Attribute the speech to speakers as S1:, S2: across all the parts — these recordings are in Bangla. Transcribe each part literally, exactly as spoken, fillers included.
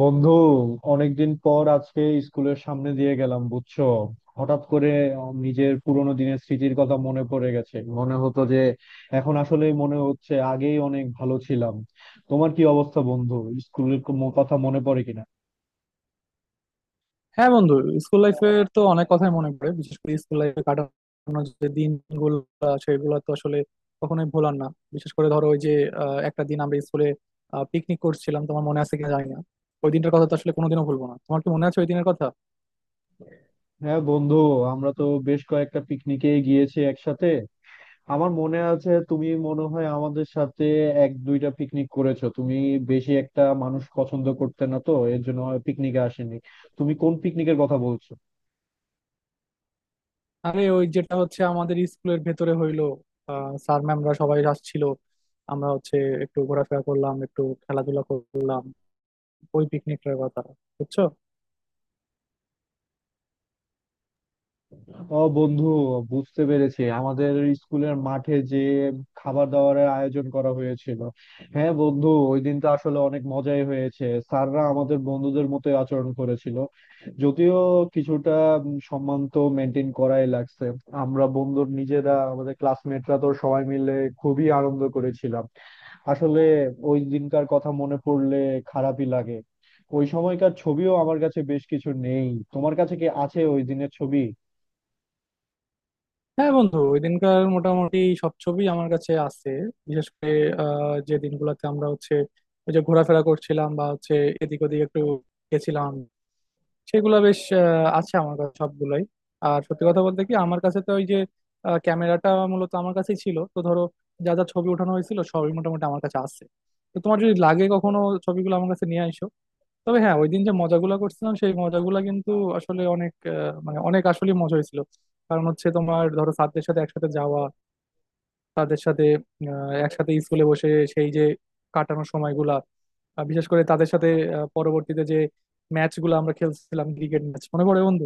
S1: বন্ধু, অনেকদিন পর আজকে স্কুলের সামনে দিয়ে গেলাম বুঝছো। হঠাৎ করে নিজের পুরোনো দিনের স্মৃতির কথা মনে পড়ে গেছে, মনে হতো যে এখন আসলে মনে হচ্ছে আগেই অনেক ভালো ছিলাম। তোমার কি অবস্থা বন্ধু, স্কুলের কোনো কথা মনে পড়ে কিনা?
S2: হ্যাঁ বন্ধু, স্কুল লাইফের তো অনেক কথাই মনে পড়ে। বিশেষ করে স্কুল লাইফে কাটানো যে দিনগুলো, আহ, সেগুলো তো আসলে কখনোই ভোলার না। বিশেষ করে ধরো, ওই যে আহ, একটা দিন আমরা স্কুলে পিকনিক করছিলাম, তোমার মনে আছে কিনা জানি না। ওই দিনটার কথা তো আসলে কোনোদিনও ভুলবো না, তোমার কি মনে আছে ওই দিনের কথা?
S1: হ্যাঁ বন্ধু, আমরা তো বেশ কয়েকটা পিকনিকে গিয়েছি একসাথে। আমার মনে আছে তুমি মনে হয় আমাদের সাথে এক দুইটা পিকনিক করেছো। তুমি বেশি একটা মানুষ পছন্দ করতে না, তো এর জন্য পিকনিকে আসেনি। তুমি কোন পিকনিকের কথা বলছো?
S2: আরে ওই যেটা হচ্ছে আমাদের স্কুলের ভেতরে হইলো, আহ স্যার ম্যামরা সবাই আসছিল, আমরা হচ্ছে একটু ঘোরাফেরা করলাম, একটু খেলাধুলা করলাম, ওই পিকনিকটার কথা, বুঝছো?
S1: ও বন্ধু, বুঝতে পেরেছি, আমাদের স্কুলের মাঠে যে খাবার দাবারের আয়োজন করা হয়েছিল। হ্যাঁ বন্ধু, ওই দিন তো আসলে অনেক মজাই হয়েছে, স্যাররা আমাদের বন্ধুদের মতোই আচরণ করেছিল। যদিও কিছুটা উম, সম্মান তো মেনটেন করাই লাগছে। আমরা বন্ধুর নিজেরা, আমাদের ক্লাসমেটরা তো সবাই মিলে খুবই আনন্দ করেছিলাম। আসলে ওই দিনকার কথা মনে পড়লে খারাপই লাগে। ওই সময়কার ছবিও আমার কাছে বেশ কিছু নেই, তোমার কাছে কি আছে ওই দিনের ছবি?
S2: হ্যাঁ বন্ধু, ওই দিনকার মোটামুটি সব ছবি আমার কাছে আছে। বিশেষ করে আহ, যে দিনগুলোতে আমরা হচ্ছে ওই যে ঘোরাফেরা করছিলাম, বা হচ্ছে এদিক ওদিক একটু গেছিলাম, সেগুলো বেশ আহ, আছে আমার কাছে সবগুলোই। আর সত্যি কথা বলতে কি, আমার কাছে তো ওই যে আহ, ক্যামেরাটা মূলত আমার কাছেই ছিল তো, ধরো যা যা ছবি ওঠানো হয়েছিল সবই মোটামুটি আমার কাছে আছে। তো তোমার যদি লাগে কখনো, ছবিগুলো আমার কাছে নিয়ে আসো। তবে হ্যাঁ, ওই দিন যে মজাগুলা করছিলাম, সেই মজাগুলা কিন্তু আসলে অনেক আহ, মানে অনেক আসলে মজা হয়েছিল। কারণ হচ্ছে, তোমার ধরো ছাত্রদের সাথে একসাথে যাওয়া, তাদের সাথে আহ, একসাথে স্কুলে বসে সেই যে কাটানোর সময়গুলা, আহ, বিশেষ করে তাদের সাথে আহ, পরবর্তীতে যে ম্যাচ গুলো আমরা খেলছিলাম, ক্রিকেট ম্যাচ মনে পড়ে বন্ধু?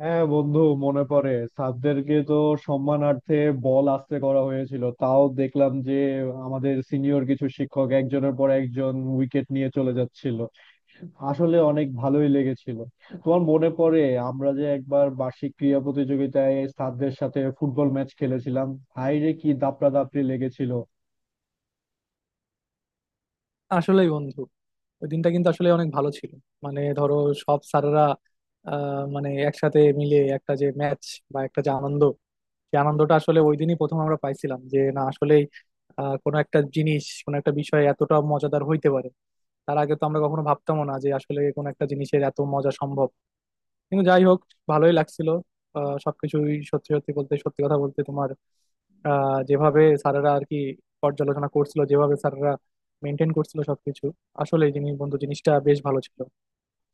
S1: হ্যাঁ বন্ধু, মনে পড়ে। স্যারদেরকে তো সম্মানার্থে বল আস্তে করা হয়েছিল, তাও দেখলাম যে আমাদের সিনিয়র কিছু শিক্ষক একজনের পর একজন উইকেট নিয়ে চলে যাচ্ছিল। আসলে অনেক ভালোই লেগেছিল। তোমার মনে পড়ে আমরা যে একবার বার্ষিক ক্রীড়া প্রতিযোগিতায় স্যারদের সাথে ফুটবল ম্যাচ খেলেছিলাম? হায় রে, কি দাপড়া দাপড়ি লেগেছিল!
S2: আসলেই বন্ধু, ওই দিনটা কিন্তু আসলে অনেক ভালো ছিল। মানে ধরো সব স্যারেরা আহ, মানে একসাথে মিলে একটা যে ম্যাচ, বা একটা যে আনন্দ, সেই আনন্দটা আসলে ওই দিনই প্রথম আমরা পাইছিলাম, যে না আসলেই আহ, কোনো একটা জিনিস, কোনো একটা বিষয় এতটা মজাদার হইতে পারে। তার আগে তো আমরা কখনো ভাবতামও না যে আসলে কোনো একটা জিনিসের এত মজা সম্ভব। কিন্তু যাই হোক, ভালোই লাগছিল। আহ, সবকিছুই, সত্যি সত্যি বলতে সত্যি কথা বলতে তোমার আহ, যেভাবে স্যারেরা আর কি পর্যালোচনা করছিল, যেভাবে স্যারেরা মেনটেন করছিল সবকিছু, আসলে জিনিস বন্ধু জিনিসটা বেশ ভালো ছিল,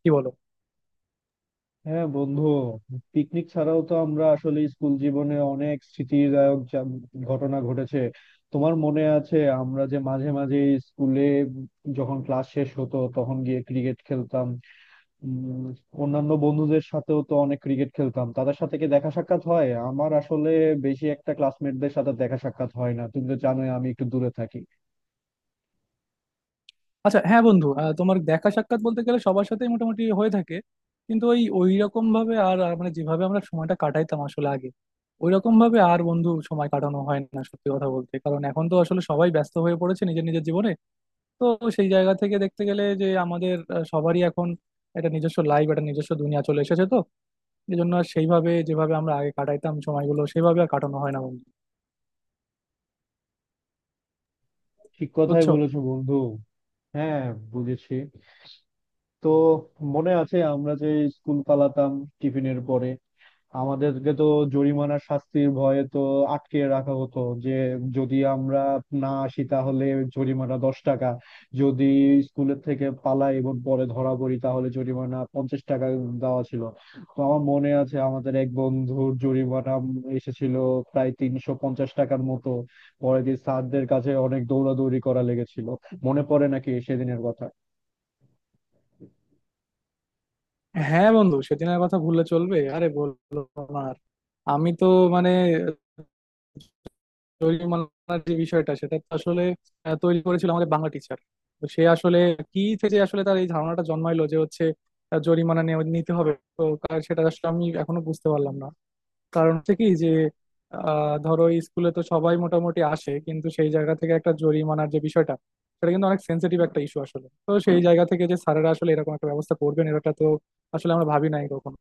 S2: কি বলো?
S1: হ্যাঁ বন্ধু, পিকনিক ছাড়াও তো আমরা আসলে স্কুল জীবনে অনেক স্মৃতিদায়ক যা- ঘটনা ঘটেছে। তোমার মনে আছে আমরা যে মাঝে মাঝে স্কুলে যখন ক্লাস শেষ হতো তখন গিয়ে ক্রিকেট খেলতাম? উম, অন্যান্য বন্ধুদের সাথেও তো অনেক ক্রিকেট খেলতাম, তাদের সাথে কি দেখা সাক্ষাৎ হয় আমার আসলে? বেশি একটা ক্লাসমেটদের সাথে দেখা সাক্ষাৎ হয় না, তুমি তো জানোই আমি একটু দূরে থাকি।
S2: আচ্ছা হ্যাঁ বন্ধু, আহ, তোমার দেখা সাক্ষাৎ বলতে গেলে সবার সাথেই মোটামুটি হয়ে থাকে, কিন্তু ওই ওই রকম ভাবে আর আর মানে যেভাবে আমরা সময়টা কাটাইতাম আসলে আগে, ওই রকম ভাবে আর বন্ধু সময় কাটানো হয় না সত্যি কথা বলতে। কারণ এখন তো আসলে সবাই ব্যস্ত হয়ে পড়েছে নিজের নিজের জীবনে। তো সেই জায়গা থেকে দেখতে গেলে যে আমাদের আহ, সবারই এখন একটা নিজস্ব লাইফ, একটা নিজস্ব দুনিয়া চলে এসেছে, তো এই জন্য আর সেইভাবে, যেভাবে আমরা আগে কাটাইতাম সময়গুলো সেইভাবে আর কাটানো হয় না বন্ধু।
S1: ঠিক কথাই
S2: বুঝছো?
S1: বলেছো বন্ধু। হ্যাঁ, বুঝেছি। তো মনে আছে আমরা যে স্কুল পালাতাম টিফিনের পরে? আমাদেরকে তো জরিমানা শাস্তির ভয়ে তো আটকে রাখা হতো যে যদি আমরা না আসি তাহলে জরিমানা দশ টাকা, যদি স্কুলের থেকে পালাই এবং পরে ধরা পড়ি তাহলে জরিমানা পঞ্চাশ টাকা দেওয়া ছিল। তো আমার মনে আছে আমাদের এক বন্ধুর জরিমানা এসেছিল প্রায় তিনশো পঞ্চাশ টাকার মতো। পরে দিয়ে স্যারদের কাছে অনেক দৌড়াদৌড়ি করা লেগেছিল। মনে পড়ে নাকি সেদিনের কথা?
S2: হ্যাঁ বন্ধু, সেদিনের কথা ভুললে চলবে? আরে বললো না আর। আমি তো মানে জরিমানার যে বিষয়টা, সেটা তো আসলে আহ, তৈরি করেছিল আমাদের বাংলা টিচার। তো সে আসলে কি থেকে আসলে তার এই ধারণাটা জন্মাইলো যে হচ্ছে আহ, জরিমানা নেওয়া- নিতে হবে, তো কার- সেটা আসলে আমি এখনো বুঝতে পারলাম না। কারণ হচ্ছে কি, যে আহ, ধরো এই স্কুলে তো সবাই মোটামুটি আসে, কিন্তু সেই জায়গা থেকে একটা জরিমানার যে বিষয়টা, সেটা কিন্তু অনেক সেন্সিটিভ একটা ইস্যু আসলে। তো সেই জায়গা থেকে যে স্যারেরা আসলে এরকম একটা ব্যবস্থা করবেন, এটা তো আসলে আমরা ভাবি নাই কখনো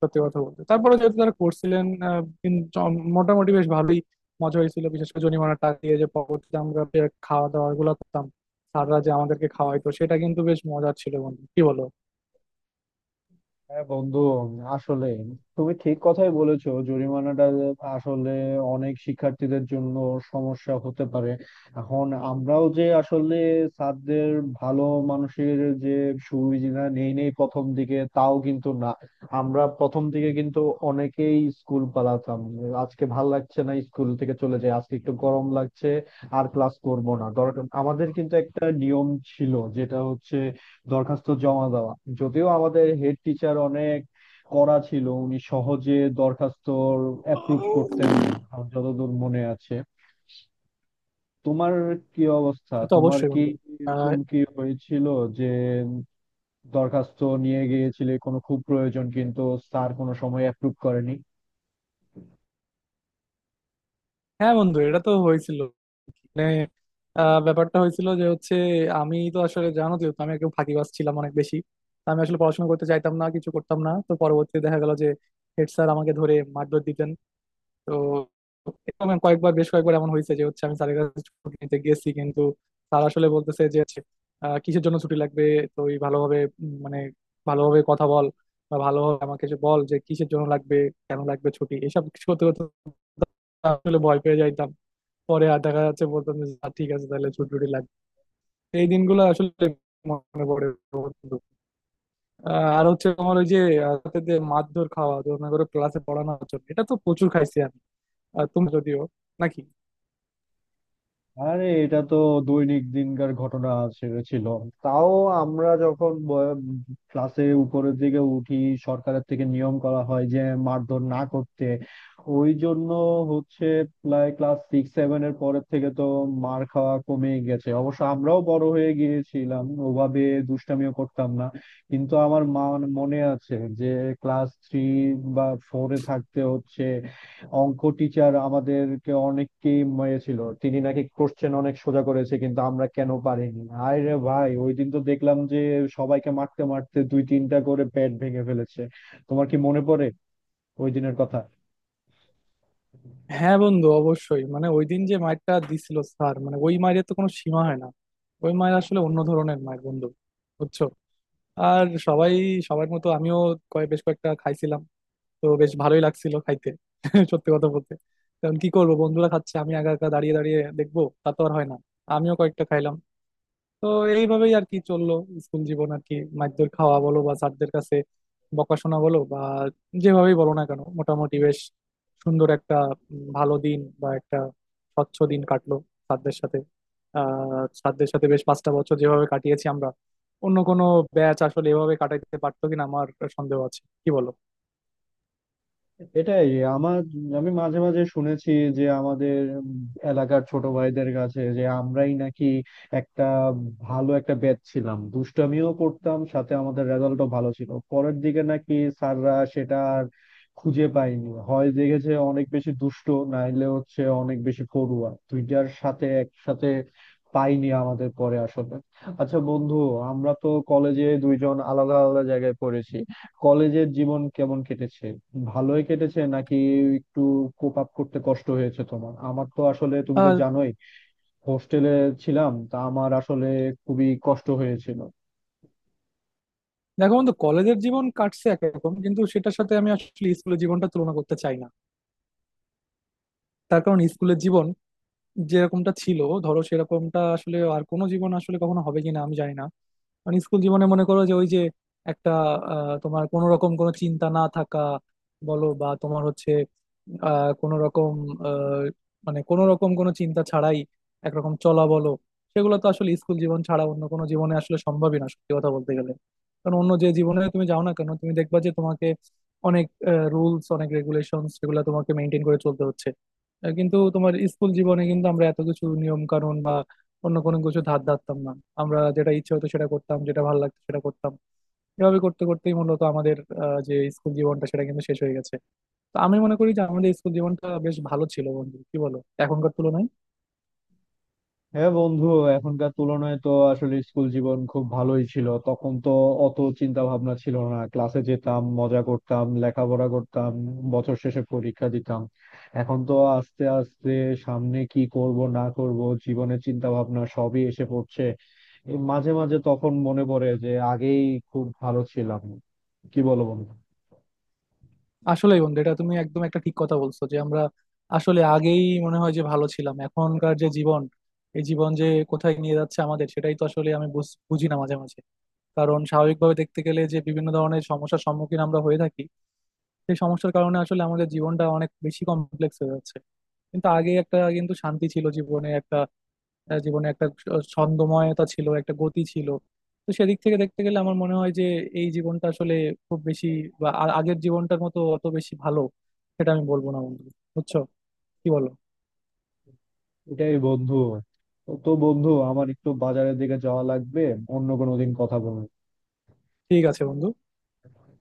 S2: সত্যি কথা বলতে। তারপরে যেহেতু তারা করছিলেন আহ, কিন- চ- মোটামুটি বেশ ভালোই মজা হয়েছিল। বিশেষ করে জরিমানার টাকা দিয়ে যে পরবর্তীতে আমরা যে খাওয়া দাওয়া গুলো করতাম, স্যাররা যে আমাদেরকে খাওয়াইতো, সেটা কিন্তু বেশ মজার ছিল বন্ধু, কি বলো?
S1: হ্যাঁ বন্ধু, আসলে তুমি ঠিক কথাই বলেছো, জরিমানাটা আসলে অনেক শিক্ষার্থীদের জন্য সমস্যা হতে পারে। এখন আমরাও যে আসলে স্যারদের ভালো মানুষের যে সুবিধা নেই নেই প্রথম দিকে তাও কিন্তু না। আমরা প্রথম দিকে কিন্তু অনেকেই স্কুল পালাতাম, আজকে ভাল লাগছে না স্কুল থেকে চলে যাই, আজকে একটু গরম লাগছে আর ক্লাস করব না দরকার। আমাদের কিন্তু একটা নিয়ম ছিল, যেটা হচ্ছে দরখাস্ত জমা দেওয়া। যদিও আমাদের হেড টিচার অনেক কড়া ছিল, উনি সহজে দরখাস্ত অ্যাপ্রুভ করতেন না আমার যতদূর মনে আছে। তোমার কি অবস্থা,
S2: সে তো
S1: তোমার
S2: অবশ্যই
S1: কি
S2: বন্ধু। আহ
S1: এরকম কি হয়েছিল যে দরখাস্ত নিয়ে গিয়েছিলে কোনো খুব প্রয়োজন কিন্তু স্যার কোনো সময় অ্যাপ্রুভ করেনি?
S2: হ্যাঁ বন্ধু, এটা তো হয়েছিল, মানে আহ, ব্যাপারটা হয়েছিল যে হচ্ছে, আমি তো আসলে, জানো তো আমি একটু ফাঁকিবাজ ছিলাম অনেক বেশি। তো আমি আসলে পড়াশোনা করতে চাইতাম না, কিছু করতাম না, তো পরবর্তীতে দেখা গেল যে হেড স্যার আমাকে ধরে মারধর দিতেন। তো এরকম কয়েকবার বেশ কয়েকবার এমন হয়েছে যে হচ্ছে, আমি স্যারের কাছে ছুটি নিতে গেছি, কিন্তু স্যার আসলে বলতেছে যে হচ্ছে, আহ, কিসের জন্য ছুটি লাগবে? তুই ভালোভাবে উম, মানে ভালোভাবে কথা বল, বা ভালোভাবে আমাকে যে বল যে কিসের জন্য লাগবে, কেন লাগবে ছুটি, এসব কিছু করতে করতে আসলে ভয় পেয়ে যাইতাম। পরে আর দেখা যাচ্ছে বলতাম যে "আ, ঠিক আছে তাহলে ছুটি টুটি লাগবে।" এই দিনগুলো আসলে মনে পড়ে বন্ধু। আহ, আর হচ্ছে তোমার ওই যে আহ, রাতে যে মারধর খাওয়া, তো মনে করো ক্লাসে পড়ানোর জন্য এটা তো প্রচুর খাইছি আমি। আর তুমি যদিও, নাকি?
S1: আরে এটা তো দৈনিক দিনকার ঘটনা ছে- ছিল। তাও আমরা যখন ব- ক্লাসে উপরের দিকে উঠি, সরকারের থেকে নিয়ম করা হয় যে মারধর না করতে, ওই জন্য হচ্ছে প্রায় ক্লাস সিক্স সেভেন এর পরের থেকে তো মার খাওয়া কমে গেছে। অবশ্য আমরাও বড় হয়ে গিয়েছিলাম, ওভাবে দুষ্টামিও করতাম না। কিন্তু আমার মা মনে আছে যে ক্লাস থ্রি বা ফোরে থাকতে হচ্ছে অঙ্ক টিচার আমাদেরকে অনেককেই মেরেছিল, তিনি নাকি কোশ্চেন অনেক সোজা করেছে কিন্তু আমরা কেন পারিনি। আয় রে ভাই, ওই দিন তো দেখলাম যে সবাইকে মারতে মারতে দুই তিনটা করে প্যাড ভেঙে ফেলেছে। তোমার কি মনে পড়ে ওই দিনের কথা?
S2: হ্যাঁ বন্ধু, অবশ্যই, মানে ওই দিন যে মারটা দিছিল স্যার, মানে ওই মায়ের তো কোনো সীমা হয় না। ওই মায়ের আসলে অন্য ধরনের মায়ের বন্ধু, বুঝছো? আর সবাই, সবার মতো আমিও কয় বেশ কয়েকটা খাইছিলাম, তো বেশ ভালোই লাগছিল খাইতে। সত্যি কথা বলতে, কারণ কি করবো, বন্ধুরা খাচ্ছে, আমি একা একা দাঁড়িয়ে দাঁড়িয়ে দেখবো, তা তো আর হয় না। আমিও কয়েকটা খাইলাম। তো এইভাবেই আর কি চললো স্কুল জীবন আর কি। মারধর খাওয়া বলো, বা স্যারদের কাছে বকাশোনা বলো, বা যেভাবেই বলো না কেন, মোটামুটি বেশ সুন্দর একটা উম, ভালো দিন, বা একটা স্বচ্ছ দিন কাটলো স্যারদের সাথে। আহ স্যারদের সাথে বেশ পাঁচটা বছর যেভাবে কাটিয়েছি আমরা, অন্য কোনো ব্যাচ আসলে এভাবে কাটাইতে পারতো কিনা আমার সন্দেহ আছে, কি বলো?
S1: এটাই আমার। আমি মাঝে মাঝে শুনেছি যে আমাদের এলাকার ছোট ভাইদের কাছে যে আমরাই নাকি একটা ভালো একটা ব্যাচ ছিলাম, দুষ্টামিও করতাম সাথে আমাদের রেজাল্টও ভালো ছিল। পরের দিকে নাকি স্যাররা সেটা আর খুঁজে পাইনি, হয় দেখেছে অনেক বেশি দুষ্ট নাইলে হচ্ছে অনেক বেশি পড়ুয়া, দুইটার সাথে একসাথে পাইনি আমাদের পরে আসলে। আচ্ছা বন্ধু, আমরা তো কলেজে দুইজন আলাদা আলাদা জায়গায় পড়েছি, কলেজের জীবন কেমন কেটেছে? ভালোই কেটেছে নাকি একটু কোপ আপ করতে কষ্ট হয়েছে তোমার? আমার তো আসলে তুমি তো জানোই হোস্টেলে ছিলাম, তা আমার আসলে খুবই কষ্ট হয়েছিল।
S2: দেখো বন্ধু, কলেজের জীবন কাটছে একরকম, কিন্তু সেটার সাথে আমি আসলে স্কুলের জীবনটা তুলনা করতে চাই না। তার কারণ স্কুলের জীবন যেরকমটা ছিল, ধরো সেরকমটা আসলে আর কোনো জীবন আসলে কখনো হবে কিনা আমি জানি না। মানে স্কুল জীবনে মনে করো যে ওই যে একটা আহ, তোমার কোনো রকম কোনো চিন্তা না থাকা বলো, বা তোমার হচ্ছে আহ, কোনো রকম আহ, মানে কোনো রকম কোনো চিন্তা ছাড়াই একরকম চলা বলো, সেগুলো তো আসলে স্কুল জীবন ছাড়া অন্য কোনো জীবনে আসলে সম্ভবই না সত্যি কথা বলতে গেলে। কারণ অন্য যে জীবনে তুমি যাও না কেন, তুমি দেখবা যে তোমাকে অনেক রুলস, অনেক রেগুলেশন, সেগুলো তোমাকে মেনটেন করে চলতে হচ্ছে। আহ, কিন্তু তোমার স্কুল জীবনে কিন্তু আমরা এত কিছু নিয়ম কানুন অন্য কোনো কিছু ধার ধারতাম না। আমরা যেটা ইচ্ছে হতো সেটা করতাম, যেটা ভালো লাগতো সেটা করতাম। এভাবে করতে করতেই মূলত আমাদের আহ, যে স্কুল জীবনটা, সেটা কিন্তু শেষ হয়ে গেছে। তো আমি মনে করি যে আমাদের স্কুল জীবনটা বেশ ভালো ছিল বন্ধু, কি বলো, এখনকার তুলনায়?
S1: হ্যাঁ বন্ধু, এখনকার তুলনায় তো আসলে স্কুল জীবন খুব ভালোই ছিল, তখন তো অত চিন্তা ভাবনা ছিল না, ক্লাসে যেতাম মজা করতাম লেখাপড়া করতাম, বছর শেষে পরীক্ষা দিতাম। এখন তো আস্তে আস্তে সামনে কি করব না করব, জীবনের চিন্তা ভাবনা সবই এসে পড়ছে। এই মাঝে মাঝে তখন মনে পড়ে যে আগেই খুব ভালো ছিলাম। কি বলো বন্ধু?
S2: আসলেই বন্ধু, এটা তুমি একদম একটা ঠিক কথা বলছো যে আমরা আসলে আগেই মনে হয় যে ভালো ছিলাম। এখনকার যে জীবন, এই জীবন যে কোথায় নিয়ে যাচ্ছে আমাদের, সেটাই তো আসলে আমি বুঝ- বুঝি না মাঝে মাঝে। কারণ স্বাভাবিকভাবে দেখতে গেলে যে বিভিন্ন ধরনের সমস্যার সম্মুখীন আমরা হয়ে থাকি, সেই সমস্যার কারণে আসলে আমাদের জীবনটা অনেক বেশি কমপ্লেক্স হয়ে যাচ্ছে। কিন্তু আগে একটা কিন্তু শান্তি ছিল জীবনে, একটা আহ, জীবনে একটা স- ছন্দময়তা ছিল, একটা গতি ছিল। তো সেদিক থেকে দেখতে গেলে আমার মনে হয় যে এই জীবনটা আসলে খুব বেশি, বা আ- আগের জীবনটার মতো অত বেশি ভালো সেটা আমি বলবো না বন্ধু, বুঝছো, কি বলো?
S1: এটাই বন্ধু। তো বন্ধু, আমার একটু বাজারের দিকে যাওয়া লাগবে, অন্য কোনো দিন কথা বলবো।
S2: ঠিক আছে বন্ধু।